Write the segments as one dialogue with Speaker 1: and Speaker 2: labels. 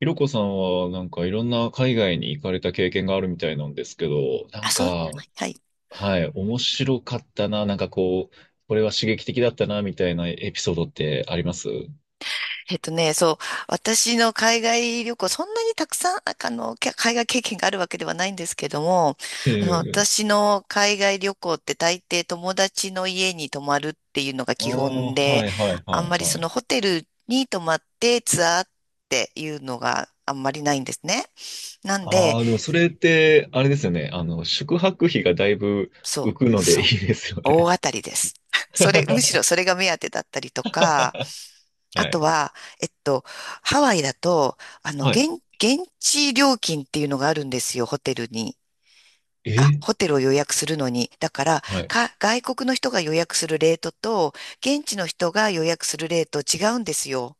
Speaker 1: ひろこさんは、なんかいろんな海外に行かれた経験があるみたいなんですけど、な
Speaker 2: あ、
Speaker 1: ん
Speaker 2: そう、
Speaker 1: か、
Speaker 2: はい。
Speaker 1: はい、面白かったな、なんかこう、これは刺激的だったな、みたいなエピソードってあります？
Speaker 2: そう、私の海外旅行、そんなにたくさん、海外経験があるわけではないんですけども、
Speaker 1: ええ。
Speaker 2: 私の海外旅行って大抵友達の家に泊まるっていうのが
Speaker 1: ああ、
Speaker 2: 基本で、
Speaker 1: はいはい
Speaker 2: あん
Speaker 1: はい
Speaker 2: まりそ
Speaker 1: はい。
Speaker 2: のホテルに泊まってツアーっていうのがあんまりないんですね。なんで、
Speaker 1: ああ、でもそれって、あれですよね。あの、宿泊費がだいぶ
Speaker 2: そ
Speaker 1: 浮く
Speaker 2: う、
Speaker 1: のでい
Speaker 2: そ
Speaker 1: い
Speaker 2: う、
Speaker 1: ですよ
Speaker 2: 大
Speaker 1: ね。
Speaker 2: 当たりです。それ、むし ろそれが目当てだったりとか、
Speaker 1: は
Speaker 2: あと
Speaker 1: い。
Speaker 2: は、えっと、ハワイだと、
Speaker 1: はい。
Speaker 2: 現地料金っていうのがあるんですよ、ホテルに。
Speaker 1: え
Speaker 2: あ、
Speaker 1: ー
Speaker 2: ホテルを予約するのに。だから、
Speaker 1: はい。
Speaker 2: 外国の人が予約するレートと、現地の人が予約するレート違うんですよ。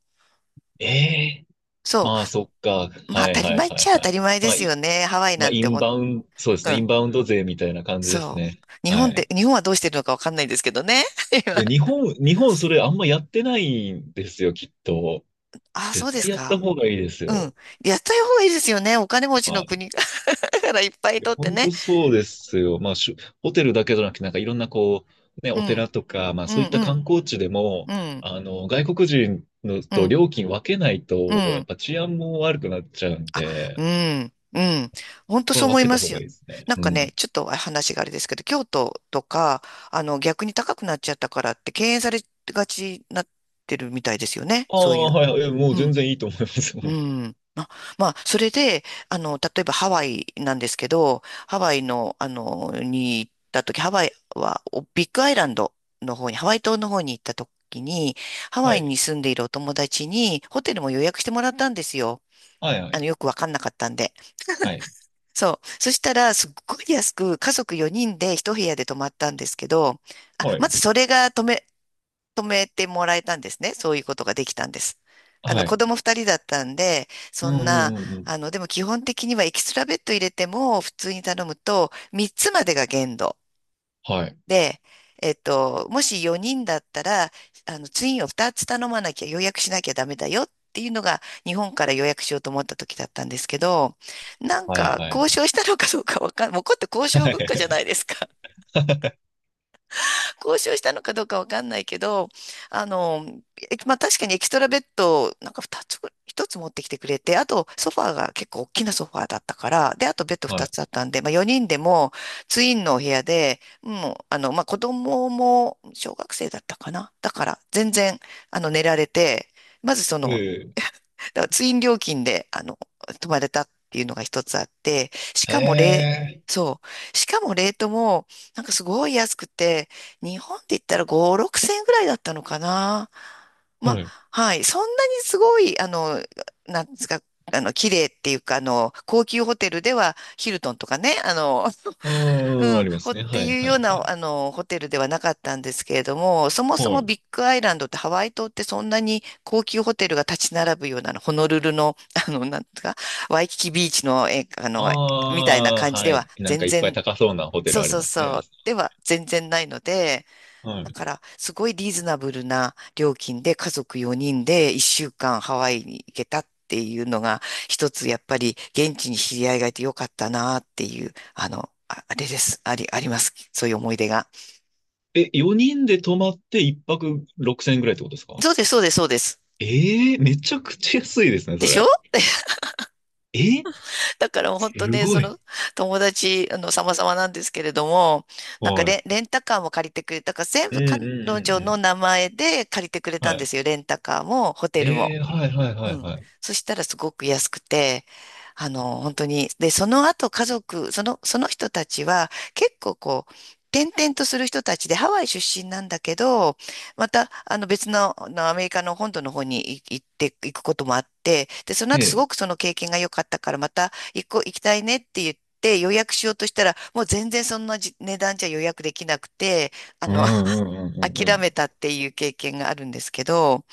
Speaker 1: ええ、
Speaker 2: そ
Speaker 1: まあ、そっか。
Speaker 2: う。まあ、
Speaker 1: はい
Speaker 2: 当たり
Speaker 1: はい
Speaker 2: 前っ
Speaker 1: は
Speaker 2: ち
Speaker 1: い
Speaker 2: ゃ当
Speaker 1: は
Speaker 2: た
Speaker 1: い。
Speaker 2: り前で
Speaker 1: まあ、
Speaker 2: すよ
Speaker 1: い、
Speaker 2: ね。ハワイ
Speaker 1: ま
Speaker 2: な
Speaker 1: あ、
Speaker 2: ん
Speaker 1: イ
Speaker 2: て
Speaker 1: ンバウンド、そうです
Speaker 2: う
Speaker 1: ね、イ
Speaker 2: ん。
Speaker 1: ンバウンド税みたいな感じです
Speaker 2: そ
Speaker 1: ね。
Speaker 2: う。日
Speaker 1: は
Speaker 2: 本で、
Speaker 1: い。
Speaker 2: 日本はどうしてるのかわかんないですけどね。
Speaker 1: い
Speaker 2: 今
Speaker 1: や、日本、日本それあんまやってないんですよ、きっと。
Speaker 2: あ、そ
Speaker 1: 絶
Speaker 2: うです
Speaker 1: 対やった
Speaker 2: か。
Speaker 1: 方がいいです
Speaker 2: うん。
Speaker 1: よ。
Speaker 2: やった方がいいですよね。お金持ち
Speaker 1: は
Speaker 2: の
Speaker 1: い。
Speaker 2: 国 からいっぱい
Speaker 1: いや、
Speaker 2: 取って
Speaker 1: 本
Speaker 2: ね。
Speaker 1: 当そうですよ。まあ、ホテルだけじゃなくて、なんかいろんなこう、ね、
Speaker 2: う
Speaker 1: お
Speaker 2: ん。
Speaker 1: 寺とか、まあ
Speaker 2: う
Speaker 1: そういっ
Speaker 2: ん
Speaker 1: た
Speaker 2: う
Speaker 1: 観
Speaker 2: ん。
Speaker 1: 光地でも、
Speaker 2: うん、
Speaker 1: あの、外国人の
Speaker 2: う
Speaker 1: と
Speaker 2: ん、
Speaker 1: 料金分けないと、
Speaker 2: う
Speaker 1: やっ
Speaker 2: ん。
Speaker 1: ぱ治安も悪くなっちゃうん
Speaker 2: あ、う
Speaker 1: で、
Speaker 2: ん、うん。本当
Speaker 1: こ
Speaker 2: そ
Speaker 1: こ
Speaker 2: う
Speaker 1: は
Speaker 2: 思い
Speaker 1: 分け
Speaker 2: ま
Speaker 1: た方
Speaker 2: す
Speaker 1: が
Speaker 2: よ。
Speaker 1: いいですね。
Speaker 2: なん
Speaker 1: う
Speaker 2: かね、
Speaker 1: ん。
Speaker 2: ちょっと話があれですけど、京都とか、逆に高くなっちゃったからって敬遠されがちになってるみたいですよね。
Speaker 1: あ
Speaker 2: そうい
Speaker 1: あ、
Speaker 2: う。
Speaker 1: はい、はい、いやもう
Speaker 2: う
Speaker 1: 全
Speaker 2: ん、
Speaker 1: 然いいと思います。
Speaker 2: う ん。あ、まあ、それで、例えばハワイなんですけど、ハワイの、に行った時、ハワイは、ビッグアイランドの方に、ハワイ島の方に行った時に、ハワ
Speaker 1: は
Speaker 2: イ
Speaker 1: い。
Speaker 2: に住んでいるお友達に、ホテルも予約してもらったんですよ。
Speaker 1: はい、はい、
Speaker 2: よくわかんなかったんで。
Speaker 1: はい。
Speaker 2: そう。そしたら、すっごい安く、家族4人で一部屋で泊まったんですけど、あ、
Speaker 1: は
Speaker 2: ま
Speaker 1: い。
Speaker 2: ずそれが止めてもらえたんですね。そういうことができたんです。
Speaker 1: はい。
Speaker 2: 子供2人だったんで、
Speaker 1: う
Speaker 2: そ
Speaker 1: んう
Speaker 2: んな、
Speaker 1: んうんうん。
Speaker 2: でも基本的にはエキストラベッド入れても、普通に頼むと、3つまでが限度。
Speaker 1: はい。
Speaker 2: で、もし4人だったら、ツインを2つ頼まなきゃ予約しなきゃダメだよっていうのが、日本から予約しようと思った時だったんですけど、なん
Speaker 1: はい
Speaker 2: か、
Speaker 1: はい
Speaker 2: 交
Speaker 1: はい。
Speaker 2: 渉したのかどうかわかん、もうこれって交渉文化じゃないで すか。交渉したのかどうかわかんないけど、あの、まあ確かにエキストラベッドをなんか2つ1つ持ってきてくれて、あとソファーが結構大きなソファーだったから、で、あとベッド
Speaker 1: は
Speaker 2: 2
Speaker 1: い。
Speaker 2: つあったんで、まあ4人でもツインのお部屋で、もう、まあ子供も小学生だったかな。だから全然、寝られて、まずそ
Speaker 1: う
Speaker 2: の
Speaker 1: ん。
Speaker 2: だからツイン料金で、泊まれたっていうのが一つあって、し
Speaker 1: へ
Speaker 2: かもレ、
Speaker 1: え。
Speaker 2: そう。しかもレートも、なんかすごい安くて、日本で言ったら5、6千円ぐらいだったのかな。まあ、
Speaker 1: はい。
Speaker 2: はい。そんなにすごい、なんですか、綺麗っていうか、高級ホテルでは、ヒルトンとかね、
Speaker 1: うんう
Speaker 2: う
Speaker 1: ん、あ
Speaker 2: ん、
Speaker 1: りま
Speaker 2: ほ
Speaker 1: す
Speaker 2: っ
Speaker 1: ね。
Speaker 2: て
Speaker 1: はい
Speaker 2: いう
Speaker 1: は
Speaker 2: よう
Speaker 1: いは
Speaker 2: な、
Speaker 1: い。
Speaker 2: ホテルではなかったんですけれども、そもそ
Speaker 1: は
Speaker 2: も
Speaker 1: い。
Speaker 2: ビッグアイランドってハワイ島ってそんなに高級ホテルが立ち並ぶような、のホノルルの、なんとか、ワイキキビーチの、え、
Speaker 1: あ
Speaker 2: みたいな
Speaker 1: あ、
Speaker 2: 感じ
Speaker 1: は
Speaker 2: で
Speaker 1: い。
Speaker 2: は
Speaker 1: なん
Speaker 2: 全
Speaker 1: かいっぱい
Speaker 2: 然、
Speaker 1: 高そうなホテ
Speaker 2: そ
Speaker 1: ル
Speaker 2: う
Speaker 1: あり
Speaker 2: そう
Speaker 1: ます
Speaker 2: そ
Speaker 1: ね。
Speaker 2: う、では全然ないので、
Speaker 1: は
Speaker 2: だ
Speaker 1: い。
Speaker 2: から、すごいリーズナブルな料金で家族4人で1週間ハワイに行けたっていうのが、一つやっぱり現地に知り合いがいてよかったなっていう、あ、あれです。あります。そういう思い出が。
Speaker 1: え、4人で泊まって1泊6000円ぐらいってことですか？
Speaker 2: そうです、そうです、そうです。
Speaker 1: ええ、めちゃくちゃ安いですね、
Speaker 2: で
Speaker 1: そ
Speaker 2: しょ
Speaker 1: れ。え、
Speaker 2: だからもう本当
Speaker 1: す
Speaker 2: ね、
Speaker 1: ご
Speaker 2: そ
Speaker 1: い。
Speaker 2: の友達、様々なんですけれども、なんか
Speaker 1: はい。
Speaker 2: レンタカーも借りてくれたから、全
Speaker 1: うん
Speaker 2: 部
Speaker 1: うん
Speaker 2: 彼
Speaker 1: う
Speaker 2: 女
Speaker 1: んう
Speaker 2: の
Speaker 1: ん。
Speaker 2: 名前で借りてくれた
Speaker 1: は
Speaker 2: んで
Speaker 1: い。
Speaker 2: すよ。レンタカーもホテル
Speaker 1: え
Speaker 2: も。
Speaker 1: え、はいはいは
Speaker 2: う
Speaker 1: い
Speaker 2: ん。
Speaker 1: はい。
Speaker 2: そしたらすごく安くて、本当に、で、その後家族、その人たちは結構こう、転々とする人たちでハワイ出身なんだけど、また、あの別の、あのアメリカの本土の方に行って行くこともあって、で、その後
Speaker 1: え
Speaker 2: すごく
Speaker 1: え。
Speaker 2: その経験が良かったから、また行こう、行きたいねって言って、予約しようとしたら、もう全然そんなじ値段じゃ予約できなくて、あ
Speaker 1: うん
Speaker 2: の、
Speaker 1: う んうんう
Speaker 2: 諦め
Speaker 1: ん、
Speaker 2: たっていう経験があるんですけど、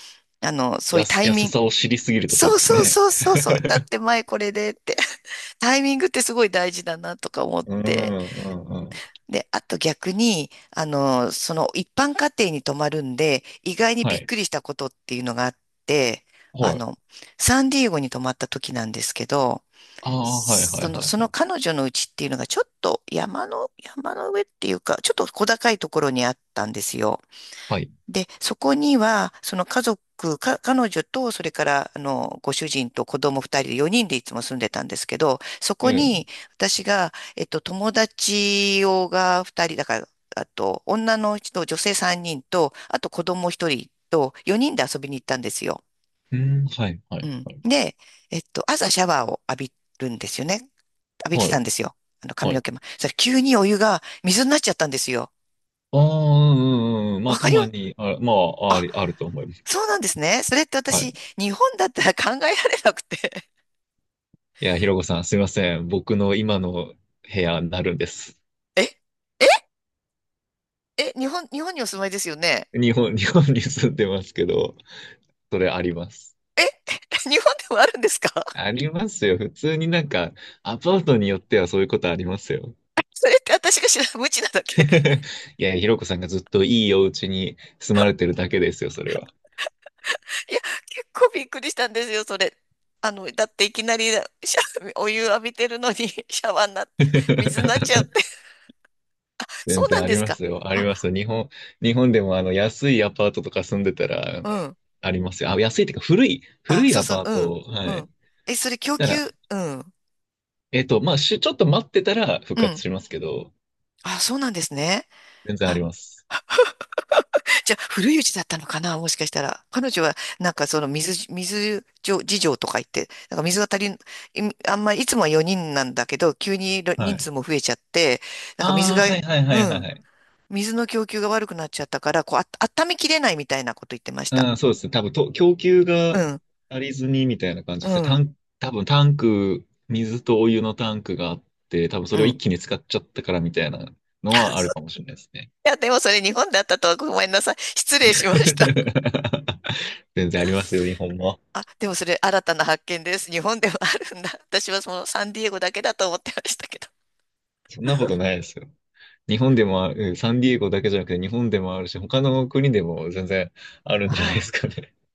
Speaker 2: そういうタイミ
Speaker 1: 安
Speaker 2: ン
Speaker 1: さを知りすぎるとそう
Speaker 2: そう
Speaker 1: です
Speaker 2: そう
Speaker 1: ね。
Speaker 2: そうそうそう。だっ て前これでって。タイミングってすごい大事だなとか思っ
Speaker 1: うん、う
Speaker 2: て。
Speaker 1: ん、うん。
Speaker 2: で、あと逆に、その一般家庭に泊まるんで、意外に
Speaker 1: は
Speaker 2: びっ
Speaker 1: い。
Speaker 2: くりしたことっていうのがあって、あ
Speaker 1: はい。
Speaker 2: の、サンディエゴに泊まった時なんですけど、
Speaker 1: ああ、はい、は
Speaker 2: そ
Speaker 1: い、は
Speaker 2: の、
Speaker 1: い、
Speaker 2: そ
Speaker 1: は
Speaker 2: の
Speaker 1: い。
Speaker 2: 彼女の家っていうのがちょっと山の上っていうか、ちょっと小高いところにあったんですよ。
Speaker 1: はい。
Speaker 2: で、そこには、その家族、彼女と、それから、ご主人と子供二人で、四人でいつも住んでたんですけど、そ
Speaker 1: え
Speaker 2: こ
Speaker 1: え。
Speaker 2: に、私が、友達をが二人、だから、あと、女の人、女性三人と、あと子供一人と、四人で遊びに行ったんですよ。
Speaker 1: うん、はい、は
Speaker 2: う
Speaker 1: い、
Speaker 2: ん。
Speaker 1: はい。
Speaker 2: で、朝シャワーを浴びるんですよね。浴びて
Speaker 1: は
Speaker 2: たん
Speaker 1: い、
Speaker 2: ですよ。
Speaker 1: は
Speaker 2: 髪の
Speaker 1: い。
Speaker 2: 毛も。それ、急にお湯が水になっちゃったんですよ。
Speaker 1: ああ、うん、うん、うん。ま
Speaker 2: わ
Speaker 1: あ、た
Speaker 2: かり
Speaker 1: ま
Speaker 2: ます。
Speaker 1: に、あ、まあ、あると思います。
Speaker 2: そうなんですね。それって
Speaker 1: は
Speaker 2: 私、
Speaker 1: い。
Speaker 2: 日本だったら考えられなくて。
Speaker 1: いや、ひろこさん、すいません。僕の今の部屋になるんです。
Speaker 2: えええ、日本にお住まいですよね？
Speaker 1: 日本、日本に住んでますけど、それあります。
Speaker 2: え 日本でもあるんですか？
Speaker 1: ありますよ。普通になんか、アパートによってはそういうことありますよ。
Speaker 2: それって私が知らない、無知なだけ。
Speaker 1: いや、ひろこさんがずっといいお家に住まれてるだけですよ、それは。
Speaker 2: いや、結構びっくりしたんですよ、それ。だっていきなり お湯浴びてるのに シャワーになって、水になっちゃって。そ
Speaker 1: 全
Speaker 2: うな
Speaker 1: 然
Speaker 2: ん
Speaker 1: あ
Speaker 2: で
Speaker 1: り
Speaker 2: す
Speaker 1: ま
Speaker 2: か？
Speaker 1: すよ。あり
Speaker 2: あ、
Speaker 1: ます。日本、日本でもあの安いアパートとか住んでたら
Speaker 2: うん。
Speaker 1: ありますよ。あ、安いっていうか古
Speaker 2: あ、
Speaker 1: い
Speaker 2: そう
Speaker 1: ア
Speaker 2: そう、
Speaker 1: パー
Speaker 2: うん、
Speaker 1: ト。は
Speaker 2: う
Speaker 1: い。
Speaker 2: ん。え、それ供
Speaker 1: た
Speaker 2: 給、
Speaker 1: ら、
Speaker 2: うん、
Speaker 1: えっと、まあ、ちょっと待ってたら復
Speaker 2: う
Speaker 1: 活
Speaker 2: ん。
Speaker 1: しますけど、
Speaker 2: あ、そうなんですね。
Speaker 1: 全然あります。
Speaker 2: じゃあ、古いうちだったのかな、もしかしたら。彼女は、なんかその水事情とか言って、なんか水が足りん、あんまりいつもは4人なんだけど、急に
Speaker 1: は
Speaker 2: 人
Speaker 1: い。
Speaker 2: 数も増えちゃって、なんか水
Speaker 1: ああ、
Speaker 2: が、
Speaker 1: はいはいは
Speaker 2: う
Speaker 1: いはい
Speaker 2: ん、
Speaker 1: はい。
Speaker 2: 水の供給が悪くなっちゃったから、こう、あ、温めきれないみたいなこと言ってました。
Speaker 1: うん、そうですね。多分供給
Speaker 2: う
Speaker 1: が
Speaker 2: ん、
Speaker 1: 足りずにみたいな感じ
Speaker 2: う
Speaker 1: ですね。
Speaker 2: ん、
Speaker 1: 多分タンク、水とお湯のタンクがあって、多分そ
Speaker 2: う
Speaker 1: れを
Speaker 2: ん。
Speaker 1: 一
Speaker 2: い
Speaker 1: 気に使っちゃったからみたいなのはあるかもしれないですね。
Speaker 2: や、でもそれ日本だったとはごめんなさい。失礼しました。
Speaker 1: 全然ありますよ、日本も。
Speaker 2: あ、でもそれ新たな発見です。日本でもあるんだ。私はそのサンディエゴだけだと思ってましたけど。
Speaker 1: そんなことないですよ。日本でもある、うん、サンディエゴだけじゃなくて日本でもあるし、他の国でも全然あるん
Speaker 2: あ
Speaker 1: じゃないです
Speaker 2: あ。
Speaker 1: かね。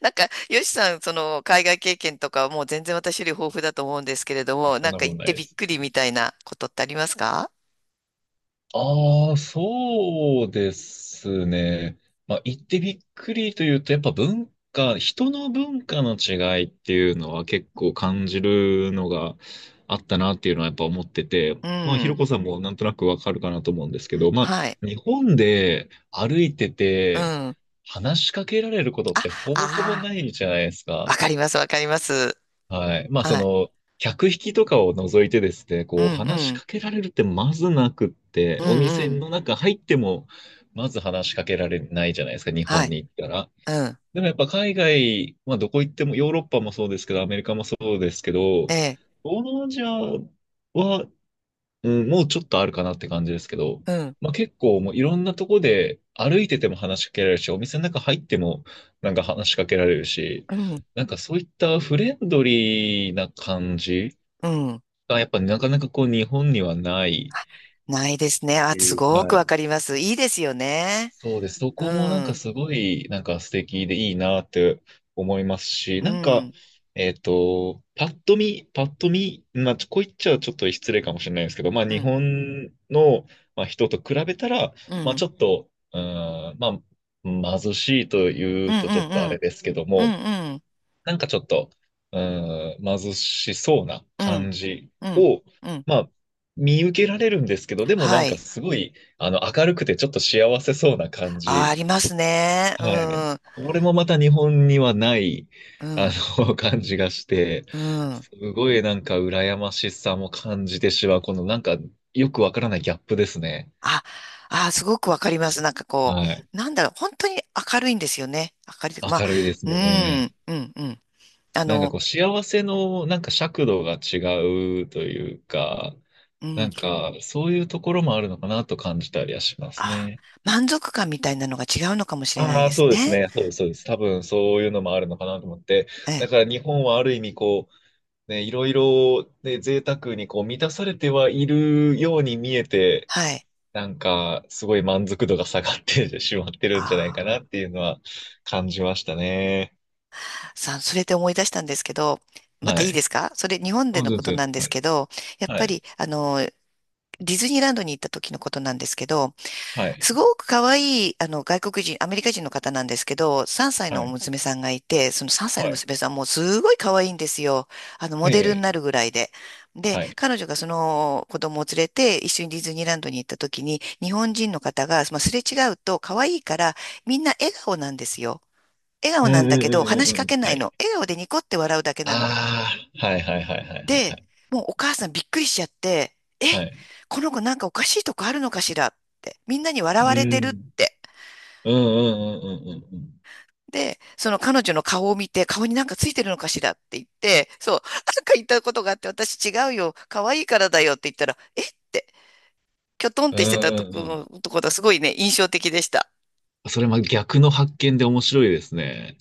Speaker 2: なんか、よしさん、その、海外経験とかはもう全然私より豊富だと思うんですけれど
Speaker 1: いや、
Speaker 2: も、
Speaker 1: そ
Speaker 2: な
Speaker 1: ん
Speaker 2: ん
Speaker 1: な
Speaker 2: か
Speaker 1: こと
Speaker 2: 行っ
Speaker 1: な
Speaker 2: て
Speaker 1: いで
Speaker 2: びっ
Speaker 1: す。
Speaker 2: くりみたいなことってありますか？
Speaker 1: ああ、そうですね。まあ、言ってびっくりというと、やっぱ文化、人の文化の違いっていうのは結構感じるのがあったなっていうのはやっぱ思ってて、
Speaker 2: う
Speaker 1: まあ、ひろ
Speaker 2: ん。
Speaker 1: こさんもなんとなくわかるかなと思うんですけど、ま
Speaker 2: はい。
Speaker 1: あ、日本で歩いて
Speaker 2: う
Speaker 1: て
Speaker 2: ん。あ、
Speaker 1: 話しかけられることってほぼほぼ
Speaker 2: あ
Speaker 1: ないじゃないです
Speaker 2: あ、わ
Speaker 1: か。
Speaker 2: かります、わかります。
Speaker 1: はい。まあ、そ
Speaker 2: はい。
Speaker 1: の、客引きとかを除いてですね、
Speaker 2: うん、
Speaker 1: こう、話
Speaker 2: う
Speaker 1: し
Speaker 2: ん。
Speaker 1: かけられるってまずなくって、
Speaker 2: うん、
Speaker 1: お
Speaker 2: う
Speaker 1: 店
Speaker 2: ん。
Speaker 1: の中入っても、まず話しかけられないじゃないですか、日
Speaker 2: は
Speaker 1: 本
Speaker 2: い。
Speaker 1: に行ったら。
Speaker 2: うん。
Speaker 1: でもやっぱ海外、まあ、どこ行っても、ヨーロッパもそうですけど、アメリカもそうですけ
Speaker 2: え
Speaker 1: ど、
Speaker 2: え。
Speaker 1: 東南アジアは、うん、もうちょっとあるかなって感じですけど、
Speaker 2: うん、
Speaker 1: まあ、結構もういろんなとこで歩いてても話しかけられるし、お店の中入ってもなんか話しかけられるし、
Speaker 2: うん、
Speaker 1: なんかそういったフレンドリーな感じ
Speaker 2: うん。
Speaker 1: がやっぱなかなかこう日本にはない、
Speaker 2: ないですね。あ、す
Speaker 1: うん、
Speaker 2: ご
Speaker 1: は
Speaker 2: くわ
Speaker 1: い、
Speaker 2: かります。いいですよね。
Speaker 1: そうです。そ
Speaker 2: う
Speaker 1: こもなん
Speaker 2: ん、う
Speaker 1: か
Speaker 2: ん、
Speaker 1: すごい、なんか素敵でいいなって思いますし、
Speaker 2: う
Speaker 1: なんか、
Speaker 2: ん、
Speaker 1: えっと、パッと見、まあ、こう言っちゃちょっと失礼かもしれないですけど、まあ、
Speaker 2: う
Speaker 1: 日
Speaker 2: ん、
Speaker 1: 本の、まあ、人と比べたら、
Speaker 2: う
Speaker 1: まあ、
Speaker 2: ん、
Speaker 1: ちょっと、うーん、まあ、貧しいとい
Speaker 2: うん、
Speaker 1: う
Speaker 2: う
Speaker 1: とちょっとあれ
Speaker 2: ん、
Speaker 1: ですけど
Speaker 2: う
Speaker 1: も、
Speaker 2: ん、うん、
Speaker 1: なんかちょっと、うーん、貧しそうな
Speaker 2: うん、
Speaker 1: 感じ
Speaker 2: うん。
Speaker 1: を、
Speaker 2: うん、
Speaker 1: まあ、見受けられるんですけど、でもな
Speaker 2: は
Speaker 1: んか
Speaker 2: い。
Speaker 1: すごい、あの、明るくてちょっと幸せそうな感
Speaker 2: あ、あ
Speaker 1: じ。
Speaker 2: りますね。う
Speaker 1: はい。
Speaker 2: ん、
Speaker 1: これもまた日本にはない、
Speaker 2: う
Speaker 1: あ
Speaker 2: ん、
Speaker 1: の、感じがして、
Speaker 2: うん。
Speaker 1: すごいなんか羨ましさも感じてしまう、このなんかよくわからないギャップですね。
Speaker 2: あ、あ、すごくわかります。なんかこ
Speaker 1: はい。
Speaker 2: う、なんだろう、本当に明るいんですよね。明るいというか、まあ、
Speaker 1: 明るいです
Speaker 2: う
Speaker 1: ね。
Speaker 2: ん、うん、うん。あ
Speaker 1: なんか
Speaker 2: の、
Speaker 1: こう幸せのなんか尺度が違うというか、
Speaker 2: う
Speaker 1: な
Speaker 2: ん、
Speaker 1: んか、そういうところもあるのかなと感じたりはします
Speaker 2: あ、
Speaker 1: ね。
Speaker 2: 満足感みたいなのが違うのかもしれない
Speaker 1: ああ、
Speaker 2: です
Speaker 1: そうです
Speaker 2: ね。
Speaker 1: ね。そうです、そうです。多分そういうのもあるのかなと思って。
Speaker 2: え
Speaker 1: だ
Speaker 2: え、
Speaker 1: から日本はある意味こう、ね、いろいろ、ね、贅沢にこう満たされてはいるように見えて、
Speaker 2: はい。
Speaker 1: なんかすごい満足度が下がってしまってるんじゃないか
Speaker 2: あ
Speaker 1: なっていうのは感じましたね。
Speaker 2: あ、さあ、それで思い出したんですけど、また
Speaker 1: は
Speaker 2: いいで
Speaker 1: い。
Speaker 2: すか？それ、日本で
Speaker 1: そう
Speaker 2: の
Speaker 1: で
Speaker 2: こと
Speaker 1: すよ。
Speaker 2: なんで
Speaker 1: は
Speaker 2: す
Speaker 1: い。
Speaker 2: けど、やっ
Speaker 1: は
Speaker 2: ぱ
Speaker 1: い。
Speaker 2: り、ディズニーランドに行った時のことなんですけど、
Speaker 1: はい。
Speaker 2: すごく可愛い、外国人、アメリカ人の方なんですけど、3歳
Speaker 1: は
Speaker 2: の
Speaker 1: い。
Speaker 2: 娘さんがいて、その3歳の
Speaker 1: はい。
Speaker 2: 娘さんもすごい可愛いんですよ。モ
Speaker 1: え
Speaker 2: デルに
Speaker 1: え。
Speaker 2: なるぐらいで。で、
Speaker 1: はい。
Speaker 2: 彼女がその子供を連れて一緒にディズニーランドに行った時に、日本人の方が、まあ、すれ違うと可愛いから、みんな笑顔なんですよ。笑顔
Speaker 1: う
Speaker 2: な
Speaker 1: ん
Speaker 2: ん
Speaker 1: う
Speaker 2: だけど、
Speaker 1: んう
Speaker 2: 話
Speaker 1: ん
Speaker 2: し
Speaker 1: うん
Speaker 2: か
Speaker 1: う
Speaker 2: け
Speaker 1: ん。
Speaker 2: な
Speaker 1: は
Speaker 2: い
Speaker 1: い。
Speaker 2: の。笑顔でニコって笑うだけなの。
Speaker 1: ああ、はいはいはいはいは
Speaker 2: で、
Speaker 1: い。
Speaker 2: もうお母さんびっくりしちゃって、え、
Speaker 1: はい、
Speaker 2: この子なんかおかしいとこあるのかしらって、みんなに笑
Speaker 1: う
Speaker 2: われてるっ
Speaker 1: ん。
Speaker 2: て。
Speaker 1: うんうんうんうんうんうん。
Speaker 2: で、その彼女の顔を見て、顔になんかついてるのかしらって言って、そう、なんか言ったことがあって、私違うよ、可愛いからだよって言ったら、えって、きょとんっ
Speaker 1: う
Speaker 2: て
Speaker 1: んう
Speaker 2: してた
Speaker 1: んうん。
Speaker 2: ところがすごいね、印象的でした。
Speaker 1: それま逆の発見で面白いですね。